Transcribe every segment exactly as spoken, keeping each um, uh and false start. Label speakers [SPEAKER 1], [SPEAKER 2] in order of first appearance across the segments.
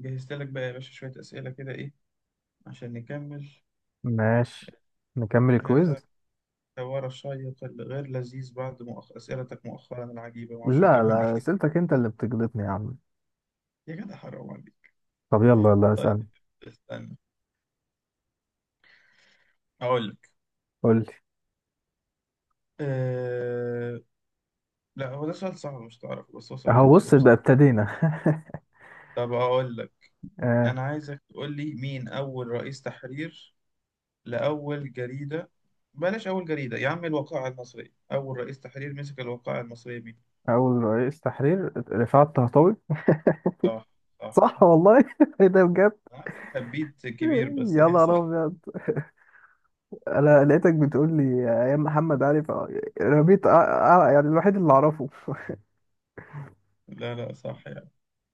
[SPEAKER 1] جهزت لك بقى يا باشا شوية أسئلة كده إيه عشان نكمل
[SPEAKER 2] ماشي. نكمل
[SPEAKER 1] هذا
[SPEAKER 2] الكويز.
[SPEAKER 1] الحوار الشيق الغير لذيذ بعد مؤخ... أسئلتك مؤخرا العجيبة معرفش
[SPEAKER 2] لا،
[SPEAKER 1] تجيبها
[SPEAKER 2] لا،
[SPEAKER 1] منين.
[SPEAKER 2] اسئلتك انت اللي بتجلطني يا عم.
[SPEAKER 1] يا جدع حرام عليك.
[SPEAKER 2] طب، يلا يلا
[SPEAKER 1] طيب
[SPEAKER 2] اسألني.
[SPEAKER 1] استنى أقول لك.
[SPEAKER 2] قول لي.
[SPEAKER 1] أه... لا هو ده سؤال صعب مش تعرف، بس هو سؤال كان
[SPEAKER 2] اهو
[SPEAKER 1] حلو
[SPEAKER 2] بص بقى
[SPEAKER 1] بصراحة.
[SPEAKER 2] ابتدينا.
[SPEAKER 1] طب أقول لك،
[SPEAKER 2] آه.
[SPEAKER 1] أنا عايزك تقول لي مين أول رئيس تحرير لأول جريدة. بلاش أول جريدة يا عم، الوقائع المصرية، أول رئيس تحرير مسك الوقائع المصرية مين؟
[SPEAKER 2] اول رئيس تحرير رفعت الطهطاوي.
[SPEAKER 1] صح، صح
[SPEAKER 2] صح
[SPEAKER 1] صح.
[SPEAKER 2] والله. ايه ده بجد؟
[SPEAKER 1] أنا عارف حبيت كبير بس
[SPEAKER 2] يا
[SPEAKER 1] هي
[SPEAKER 2] نهار
[SPEAKER 1] صح.
[SPEAKER 2] ابيض، انا لقيتك بتقول لي ايام محمد علي ف- رميت. آه، آه، يعني الوحيد اللي اعرفه.
[SPEAKER 1] لا لا صح يعني.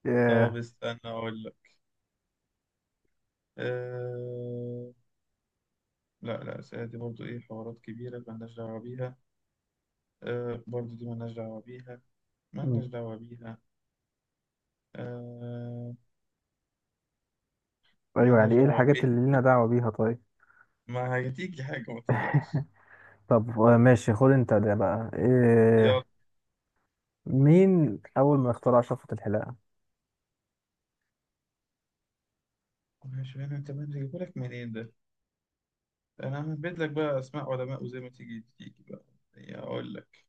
[SPEAKER 2] آه.
[SPEAKER 1] طب استنى أقول لك. أه... لا لا الأسئلة دي برضو إيه حوارات كبيرة مالناش دعوة بيها. أه... برضو دي مالناش دعوة بيها، مالناش دعوة بيها. أه...
[SPEAKER 2] ايوه، يعني
[SPEAKER 1] مالناش
[SPEAKER 2] ايه
[SPEAKER 1] دعوة
[SPEAKER 2] الحاجات
[SPEAKER 1] بيها،
[SPEAKER 2] اللي لنا دعوة بيها طيب؟
[SPEAKER 1] ما هتيجي حاجة ما تقلقش.
[SPEAKER 2] طب، آه، ماشي، خد انت ده بقى.
[SPEAKER 1] يلا،
[SPEAKER 2] إيه مين اول ما اخترع شفرة الحلاقة؟
[SPEAKER 1] مش أنا، تمام هجيبهولك منين ده؟ أنا هنبت لك بقى أسماء علماء وزي ما تيجي تيجي بقى. يعني أقول لك،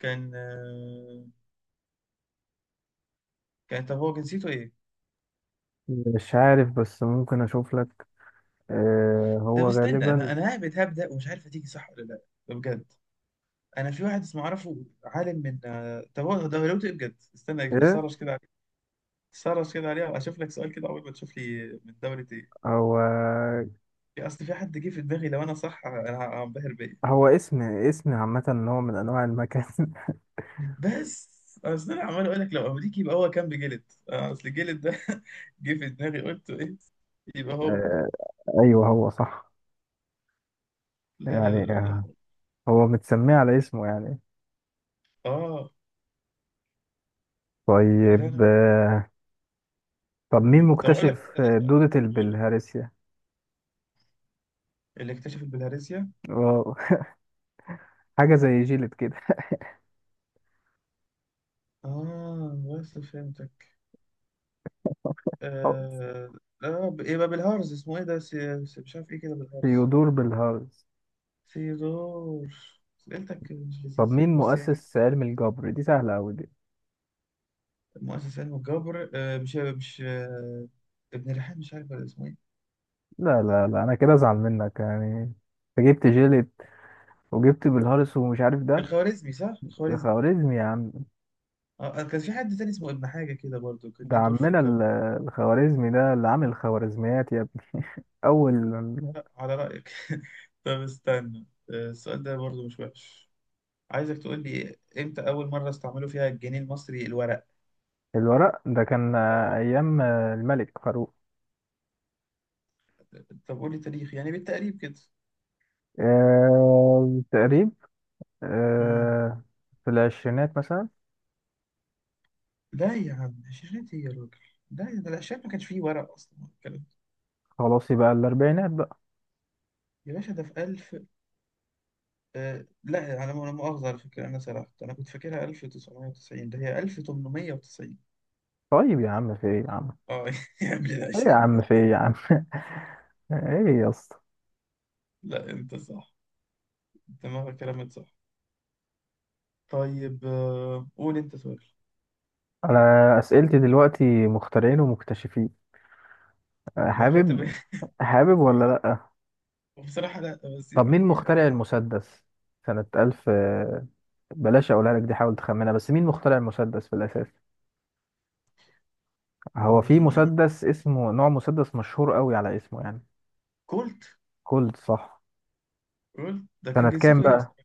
[SPEAKER 1] كان أه... كان، طب هو جنسيته إيه؟
[SPEAKER 2] مش عارف، بس ممكن اشوف لك. آه
[SPEAKER 1] طب
[SPEAKER 2] هو
[SPEAKER 1] استنى، أنا
[SPEAKER 2] غالبا.
[SPEAKER 1] أنا هبت هبدأ ومش عارف هتيجي صح ولا لأ. ده بجد. انا في واحد اسمه اعرفه عالم من آه، طب هو دولته ايه بجد؟ استنى
[SPEAKER 2] ايه؟
[SPEAKER 1] سرش كده عليه، سرش كده عليها واشوف لك سؤال كده، اول ما تشوف لي من دولة ايه.
[SPEAKER 2] هو
[SPEAKER 1] اصل في حد جه في دماغي لو انا صح انا ه- هنبهر بيا.
[SPEAKER 2] هو اسم اسم عامة، نوع من انواع المكان.
[SPEAKER 1] بس اصل انا عمال اقول لك لو امريكي يبقى هو كان بجلد. آه، اصل الجلد ده، جه في دماغي قلت ايه، يبقى هو.
[SPEAKER 2] آه ايوه، هو صح.
[SPEAKER 1] لا لا
[SPEAKER 2] يعني
[SPEAKER 1] لا
[SPEAKER 2] آه
[SPEAKER 1] لا.
[SPEAKER 2] هو متسميه على اسمه يعني.
[SPEAKER 1] اه لا
[SPEAKER 2] طيب.
[SPEAKER 1] لا.
[SPEAKER 2] آه طب مين
[SPEAKER 1] مم. طب اقول لك،
[SPEAKER 2] مكتشف
[SPEAKER 1] استنى
[SPEAKER 2] آه،
[SPEAKER 1] سؤال.
[SPEAKER 2] دودة
[SPEAKER 1] قوله،
[SPEAKER 2] البلهارسيا؟
[SPEAKER 1] اللي اكتشف البلهارسيا.
[SPEAKER 2] واو، حاجة زي جيلد كده.
[SPEAKER 1] اه بس فهمتك.
[SPEAKER 2] أو،
[SPEAKER 1] آه... آه... ب- يبقى بالهارز اسمه إيه ده، سي... سي- مش عارف إيه كده بالهارز.
[SPEAKER 2] ثيودور بلهارس.
[SPEAKER 1] سيزور. سألتك مش
[SPEAKER 2] طب،
[SPEAKER 1] لذيذة
[SPEAKER 2] مين
[SPEAKER 1] بس يعني.
[SPEAKER 2] مؤسس علم الجبر؟ دي سهلة أوي دي.
[SPEAKER 1] مؤسس علم الجبر آه... مش مش آه... ابن ريحان مش عارف ولا اسمه إيه.
[SPEAKER 2] لا، لا، لا، أنا كده أزعل منك يعني. أنت جبت جيلد وجبت بالهارس ومش عارف ده.
[SPEAKER 1] الخوارزمي صح؟
[SPEAKER 2] يا
[SPEAKER 1] الخوارزمي.
[SPEAKER 2] خوارزمي يا عم.
[SPEAKER 1] آه... آه، كان في حد تاني اسمه ابن حاجة كده برضه كان
[SPEAKER 2] ده
[SPEAKER 1] ليه دور في
[SPEAKER 2] عمنا
[SPEAKER 1] الجبر.
[SPEAKER 2] ال- الخوارزمي ده اللي عامل الخوارزميات يا ابني. أول
[SPEAKER 1] لا على رأيك. طب استنى، آه، السؤال ده برضو مش وحش. عايزك تقول لي امتى أول مرة استعملوا فيها الجنيه المصري الورق.
[SPEAKER 2] الورق ده كان
[SPEAKER 1] اه،
[SPEAKER 2] أيام الملك فاروق.
[SPEAKER 1] طب قول لي تاريخ يعني بالتقريب كده.
[SPEAKER 2] آه، تقريب.
[SPEAKER 1] مم.
[SPEAKER 2] آه، في العشرينات مثلا.
[SPEAKER 1] لا يا عم، شاشات ايه يا راجل؟ لا ده الشاشات ما كانش فيه ورق اصلا ولا الكلام ده.
[SPEAKER 2] خلاص، يبقى الأربعينات بقى.
[SPEAKER 1] يا باشا ده في ألف. آه لا انا، انا مؤاخذه على فكره، انا سرحت، انا كنت فاكرها ألف تسعمية وتسعين، ده هي ألف تمنمية وتسعين.
[SPEAKER 2] طيب يا عم، في إيه يا عم؟
[SPEAKER 1] اه يا قبل ال
[SPEAKER 2] إيه يا
[SPEAKER 1] عشرين.
[SPEAKER 2] عم، في إيه يا عم؟ إيه يا اسطى؟
[SPEAKER 1] لا انت صح، دماغك كلامك صح. طيب آه، قول انت سؤال.
[SPEAKER 2] أنا أسئلتي دلوقتي مخترعين ومكتشفين.
[SPEAKER 1] ما انا خدت بالي.
[SPEAKER 2] حابب. حابب ولا لأ؟
[SPEAKER 1] بصراحه لا بس
[SPEAKER 2] طب مين
[SPEAKER 1] يعني
[SPEAKER 2] مخترع
[SPEAKER 1] آه،
[SPEAKER 2] المسدس سنة ألف؟ بلاش أقولها لك دي، حاول تخمنها. بس مين مخترع المسدس في الأساس؟ هو في
[SPEAKER 1] م- م-
[SPEAKER 2] مسدس اسمه، نوع مسدس مشهور قوي على اسمه يعني.
[SPEAKER 1] كولت.
[SPEAKER 2] كولد، صح.
[SPEAKER 1] كولت ده
[SPEAKER 2] سنة
[SPEAKER 1] كان
[SPEAKER 2] كام
[SPEAKER 1] جنسيته ايه
[SPEAKER 2] بقى؟
[SPEAKER 1] اصلا؟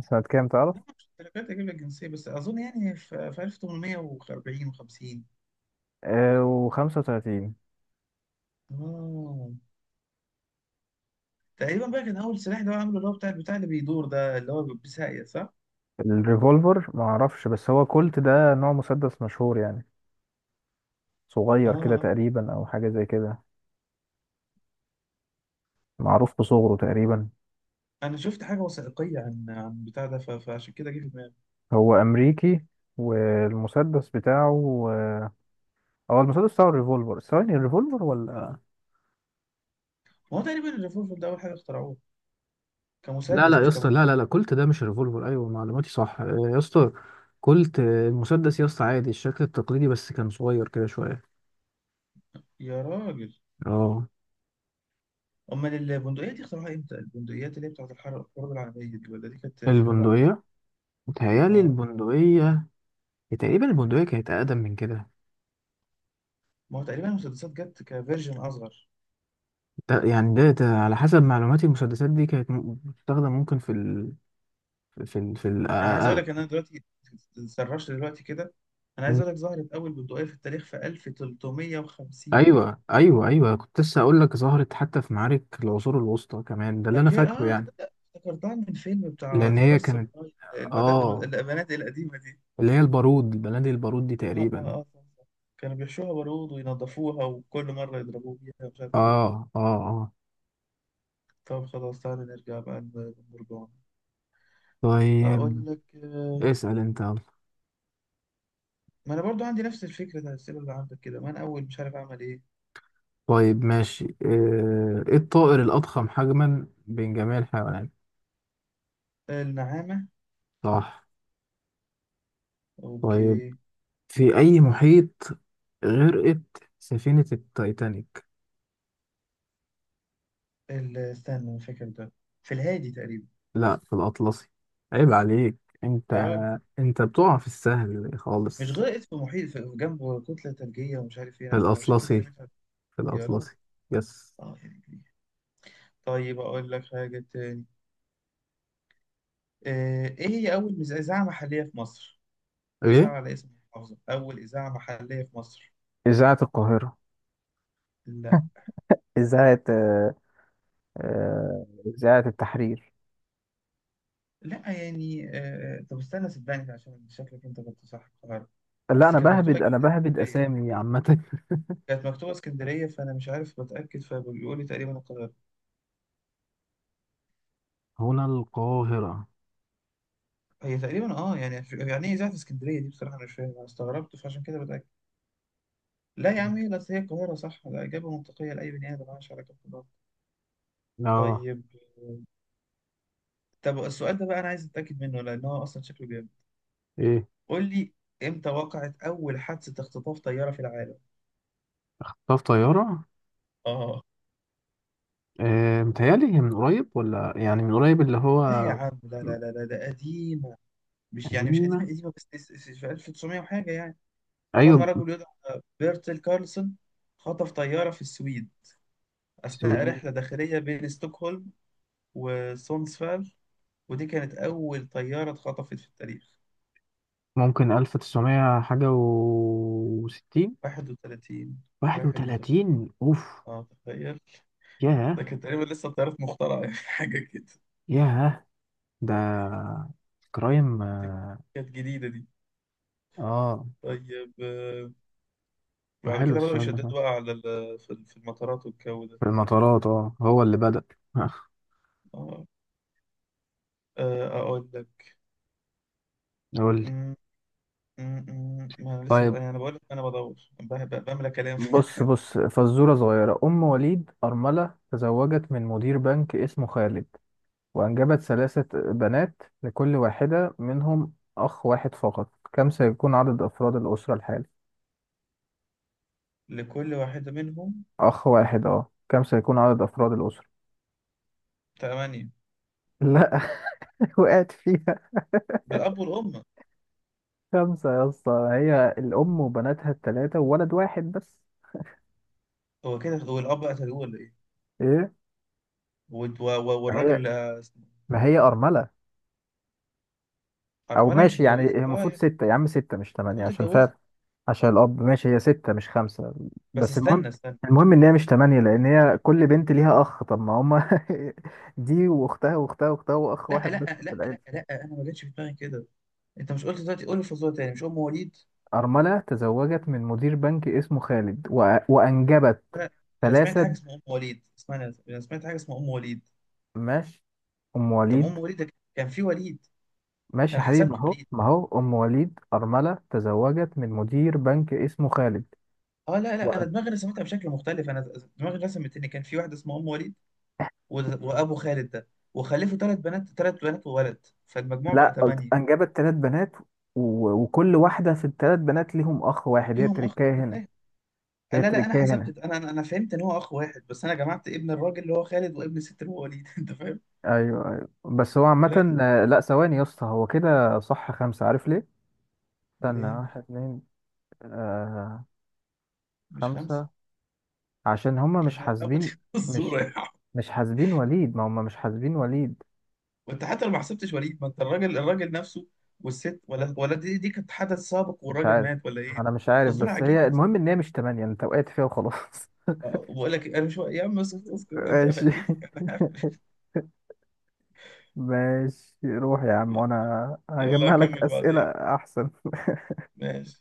[SPEAKER 2] سنة كام تعرف؟
[SPEAKER 1] لا، مش التلاتات اجيب لك جنسيه، بس اظن يعني في في ألف تمنمية واربعين وخمسين.
[SPEAKER 2] آه، وخمسة وتلاتين.
[SPEAKER 1] اه، تقريبا بقى كان اول سلاح اللي هو عامله اللي هو بتاع البتاع اللي بيدور ده اللي هو بساقية صح؟
[SPEAKER 2] الريفولفر معرفش، بس هو كولت ده نوع مسدس مشهور يعني.
[SPEAKER 1] اه
[SPEAKER 2] صغير كده
[SPEAKER 1] آه.
[SPEAKER 2] تقريبا، أو حاجة زي كده. معروف بصغره تقريبا.
[SPEAKER 1] انا شفت حاجه وثائقيه عن عن بتاع ده ف- فعشان كده جه في دماغي.
[SPEAKER 2] هو أمريكي، والمسدس بتاعه آه، هو المسدس بتاعه الريفولفر. ثواني، الريفولفر ولا؟
[SPEAKER 1] ما هو تقريبا الريفولفر ده اول حاجه اخترعوه
[SPEAKER 2] لا، لا
[SPEAKER 1] كمسدس
[SPEAKER 2] يا
[SPEAKER 1] مش
[SPEAKER 2] اسطى، لا، لا،
[SPEAKER 1] كبندقيه.
[SPEAKER 2] لا، كولت ده مش ريفولفر. ايوه معلوماتي صح آه، يا اسطى. كولت آه، المسدس يا اسطى عادي، الشكل التقليدي بس كان صغير كده شويه.
[SPEAKER 1] يا راجل،
[SPEAKER 2] اه.
[SPEAKER 1] امال البندقيه دي اخترعوها امتى؟ البندقيات اللي هي بتاعت الحرب الحرب العالميه دي، ولا دي كانت فيما بعد؟
[SPEAKER 2] البندقيه، متهيألي
[SPEAKER 1] اه،
[SPEAKER 2] البندقيه، تقريبا البندقيه كانت اقدم من كده.
[SPEAKER 1] ما هو تقريبا المسدسات جت كفيرجن اصغر.
[SPEAKER 2] ده يعني ده, ده على حسب معلوماتي المسدسات دي كانت م- بتستخدم، ممكن في ال في ال في ال آه،
[SPEAKER 1] انا عايز اقول
[SPEAKER 2] آه،
[SPEAKER 1] لك ان انا دلوقتي سرشت دلوقتي كده. انا عايز اقول لك ظهرت اول بندقيه في التاريخ في ألف تلتمية وخمسين.
[SPEAKER 2] ايوه، ايوه، ايوه، كنت لسه اقول لك، ظهرت حتى في معارك العصور الوسطى كمان، ده اللي انا
[SPEAKER 1] فاكر
[SPEAKER 2] فاكره
[SPEAKER 1] اه،
[SPEAKER 2] يعني.
[SPEAKER 1] تصدق افتكرتها من فيلم بتاع
[SPEAKER 2] لان
[SPEAKER 1] ذا
[SPEAKER 2] هي
[SPEAKER 1] لاست
[SPEAKER 2] كانت
[SPEAKER 1] ساموراي؟
[SPEAKER 2] اه
[SPEAKER 1] البنات القديمة دي.
[SPEAKER 2] اللي هي البارود بلدي، البارود دي
[SPEAKER 1] اه اه
[SPEAKER 2] تقريبا.
[SPEAKER 1] اه صح صح. كانوا بيحشوها برود وينضفوها وكل مرة يضربوه بيها مش
[SPEAKER 2] اه،
[SPEAKER 1] عارف ايه.
[SPEAKER 2] اه، اه.
[SPEAKER 1] طب خلاص تعالى نرجع بقى للمرجان.
[SPEAKER 2] طيب،
[SPEAKER 1] اقول لك آه،
[SPEAKER 2] اسأل انت يلا.
[SPEAKER 1] ما انا برضو عندي نفس الفكرة بتاع الأسئلة اللي عندك كده، ما انا اول مش عارف اعمل ايه.
[SPEAKER 2] طيب، ماشي. آه، ايه الطائر الأضخم حجما بين جميع الحيوانات؟
[SPEAKER 1] النعامة.
[SPEAKER 2] صح. طيب،
[SPEAKER 1] اوكي.
[SPEAKER 2] في أي محيط غرقت سفينة التايتانيك؟
[SPEAKER 1] ال- استنى مش فاكر ده. في الهادي تقريبا.
[SPEAKER 2] لا، في الأطلسي، عيب عليك انت
[SPEAKER 1] يا راجل،
[SPEAKER 2] انت بتقع في السهل
[SPEAKER 1] مش
[SPEAKER 2] خالص.
[SPEAKER 1] غائط في محيط في جنبه كتلة ثلجية ومش عارف ايه
[SPEAKER 2] في
[SPEAKER 1] نفس عشان كده انا
[SPEAKER 2] الأطلسي.
[SPEAKER 1] مش عارف-
[SPEAKER 2] في
[SPEAKER 1] يا راجل.
[SPEAKER 2] الأطلسي. يس.
[SPEAKER 1] اه يعني، طيب أقول لك حاجة تاني. آه، إيه هي أول مز- إذاعة محلية في مصر؟
[SPEAKER 2] ايه؟
[SPEAKER 1] إذاعة على اسم محافظة، أول إذاعة محلية في مصر.
[SPEAKER 2] إذاعة القاهرة.
[SPEAKER 1] لا.
[SPEAKER 2] إذاعة آه، آه، إذاعة التحرير.
[SPEAKER 1] لا يعني آه، طب استنى صدقني، عشان شكلك أنت كنت صح القاهرة.
[SPEAKER 2] لا،
[SPEAKER 1] أصل
[SPEAKER 2] أنا
[SPEAKER 1] كانت مكتوبة
[SPEAKER 2] بهبد
[SPEAKER 1] إجابة
[SPEAKER 2] أنا بهبد
[SPEAKER 1] اسكندرية،
[SPEAKER 2] أسامي عامة.
[SPEAKER 1] كانت مكتوبة اسكندرية، فأنا مش عارف بتأكد فبيقول لي تقريبا القاهرة.
[SPEAKER 2] هنا القاهرة.
[SPEAKER 1] هي تقريبا أه يعني، يعني إيه إذاعة اسكندرية دي بصراحة، أنا مش فاهم أنا استغربت فعشان كده بتأكد. لا يا عم هي بس هي القاهرة صح، ده إجابة منطقية لأي بني آدم مالهاش علاقة بالقاهرة.
[SPEAKER 2] اه.
[SPEAKER 1] طيب، طب السؤال ده بقى أنا عايز أتأكد منه لأن هو أصلا شكله جامد.
[SPEAKER 2] ايه؟
[SPEAKER 1] قول لي، إمتى وقعت أول حادثة اختطاف طيارة في العالم؟
[SPEAKER 2] طب، طيارة؟
[SPEAKER 1] آه،
[SPEAKER 2] آه متهيألي هي من قريب، ولا يعني من قريب اللي هو.
[SPEAKER 1] لا يا عم لا لا لا لا، ده قديمة. مش يعني مش قديمة
[SPEAKER 2] قديمة،
[SPEAKER 1] قديمة، بس تس- تس- في ألف تسعمية وحاجة يعني. قام
[SPEAKER 2] أيوة.
[SPEAKER 1] رجل يدعى بيرتل كارلسون خطف طيارة في السويد أثناء
[SPEAKER 2] السويد.
[SPEAKER 1] رحلة داخلية بين ستوكهولم وسونسفال، ودي كانت أول طيارة اتخطفت في التاريخ.
[SPEAKER 2] ممكن ألف تسعمية حاجة وستين.
[SPEAKER 1] احدى وثلاثين.
[SPEAKER 2] واحد
[SPEAKER 1] احدى وثلاثين،
[SPEAKER 2] وتلاتين أوف.
[SPEAKER 1] اه تخيل. ده
[SPEAKER 2] ياه.
[SPEAKER 1] كانت تقريبا لسه الطيارات مخترعة، يعني حاجة كده.
[SPEAKER 2] ياه، ده كرايم آه.
[SPEAKER 1] كانت جديدة دي.
[SPEAKER 2] آه.
[SPEAKER 1] طيب آه، بعد
[SPEAKER 2] حلو
[SPEAKER 1] كده بدأوا
[SPEAKER 2] السؤال ده.
[SPEAKER 1] يشددوا بقى على ال- في ال- في المطارات والجو ده.
[SPEAKER 2] في المطارات، اه هو اللي بدأ.
[SPEAKER 1] اه آه، أقول لك.
[SPEAKER 2] قول لي.
[SPEAKER 1] م- م- م- ما أنا لسه
[SPEAKER 2] طيب،
[SPEAKER 1] يعني، أنا بقول لك أنا بدور ب- ب- بملى كلام.
[SPEAKER 2] بص بص، فزورة صغيرة. أم وليد أرملة تزوجت من مدير بنك اسمه خالد، وأنجبت ثلاثة بنات، لكل واحدة منهم أخ واحد فقط. كم سيكون عدد أفراد الأسرة الحالي؟
[SPEAKER 1] لكل واحدة منهم
[SPEAKER 2] أخ واحد. أه كم سيكون عدد أفراد الأسرة؟
[SPEAKER 1] ثمانية،
[SPEAKER 2] لا. وقعت فيها.
[SPEAKER 1] بالأب والأم.
[SPEAKER 2] خمسة يا اسطى، هي الأم وبناتها التلاتة وولد واحد بس.
[SPEAKER 1] هو كده، هو الأب قتلوه ولا إيه؟
[SPEAKER 2] إيه؟
[SPEAKER 1] والد- و- و-
[SPEAKER 2] ما
[SPEAKER 1] والراجل
[SPEAKER 2] هي،
[SPEAKER 1] اللي اسمه.
[SPEAKER 2] ما هي أرملة. او،
[SPEAKER 1] أرملة مش
[SPEAKER 2] ماشي يعني، هي
[SPEAKER 1] اتجوزت أه
[SPEAKER 2] المفروض
[SPEAKER 1] يعني؟
[SPEAKER 2] ستة يا عم، ستة مش تمانية،
[SPEAKER 1] قلت
[SPEAKER 2] عشان
[SPEAKER 1] اتجوزت.
[SPEAKER 2] فعلا عشان الاب، ماشي، هي ستة مش خمسة.
[SPEAKER 1] بس
[SPEAKER 2] بس المهم
[SPEAKER 1] استنى استنى.
[SPEAKER 2] المهم ان هي مش تمانية، لان هي كل بنت ليها اخ، طب ما هما. دي واختها واختها واختها، واخ
[SPEAKER 1] لا
[SPEAKER 2] واحد بس
[SPEAKER 1] لا
[SPEAKER 2] في
[SPEAKER 1] لا لا
[SPEAKER 2] العيلة.
[SPEAKER 1] لا أنا ما جاتش في دماغي كده. أنت مش قلت دلوقتي قول الفزورة تاني مش أم وليد؟
[SPEAKER 2] أرملة تزوجت من مدير بنك اسمه خالد و... وأنجبت
[SPEAKER 1] انا أنا سمعت حاجه
[SPEAKER 2] ثلاثة.
[SPEAKER 1] اسمها ام وليد اسمها، انا سمعت حاجه اسمها ام وليد.
[SPEAKER 2] ماشي. أم
[SPEAKER 1] طب
[SPEAKER 2] وليد.
[SPEAKER 1] ام وليد ده كان في وليد،
[SPEAKER 2] ماشي يا
[SPEAKER 1] فانا
[SPEAKER 2] حبيبي، ما
[SPEAKER 1] حسبته
[SPEAKER 2] هو
[SPEAKER 1] وليد.
[SPEAKER 2] ما هو أم وليد أرملة تزوجت من مدير بنك اسمه خالد.
[SPEAKER 1] اه لا لا، انا دماغي رسمتها بشكل مختلف، انا دماغي رسمت ان كان في واحده اسمها ام وليد و- وابو خالد ده، وخلفوا ثلاث بنات، ثلاث بنات وولد، فالمجموع بقى
[SPEAKER 2] لا، قلت
[SPEAKER 1] ثمانيه.
[SPEAKER 2] انجبت ثلاث بنات، و... وكل واحده في الثلاث بنات ليهم اخ واحد. هي
[SPEAKER 1] ليهم اخ،
[SPEAKER 2] تركايه
[SPEAKER 1] أنا
[SPEAKER 2] هنا.
[SPEAKER 1] فاهم. آه،
[SPEAKER 2] هي
[SPEAKER 1] لا لا انا
[SPEAKER 2] تركايه هنا.
[SPEAKER 1] حسبت، انا انا أنا فهمت ان هو اخ واحد بس، انا جمعت ابن الراجل اللي هو خالد وابن الست اللي هو وليد. انت فاهم؟
[SPEAKER 2] ايوه، ايوه، بس هو
[SPEAKER 1] لا،
[SPEAKER 2] عامه آه، لا، ثواني يا اسطى، هو كده صح خمسه، عارف ليه. استنى،
[SPEAKER 1] ليه
[SPEAKER 2] واحد، اتنين. آه.
[SPEAKER 1] مش خمسه؟
[SPEAKER 2] خمسه، عشان هما مش
[SPEAKER 1] يعني ابو
[SPEAKER 2] حاسبين.
[SPEAKER 1] الزوره
[SPEAKER 2] مش
[SPEAKER 1] يعني.
[SPEAKER 2] مش حاسبين وليد، ما هما مش حاسبين وليد.
[SPEAKER 1] وانت حتى لو ما حسبتش وليد، ما انت الراجل، الراجل نفسه والست، ولا ولا دي، دي كانت حدث سابق
[SPEAKER 2] مش
[SPEAKER 1] والراجل
[SPEAKER 2] عارف،
[SPEAKER 1] مات ولا ايه؟
[SPEAKER 2] ما انا مش عارف،
[SPEAKER 1] فالظروف
[SPEAKER 2] بس هي
[SPEAKER 1] عجيبه اصلا.
[SPEAKER 2] المهم ان هي مش تمانية، انت وقعت فيها وخلاص.
[SPEAKER 1] آه، وبقول لك انا مش، يا عم اسكت اسكت انت
[SPEAKER 2] ماشي.
[SPEAKER 1] قفلتني، انا قافل.
[SPEAKER 2] ماشي، روح يا عم، وانا
[SPEAKER 1] يلا
[SPEAKER 2] هجمع لك
[SPEAKER 1] اكمل
[SPEAKER 2] اسئله.
[SPEAKER 1] بعدين.
[SPEAKER 2] احسن.
[SPEAKER 1] ماشي.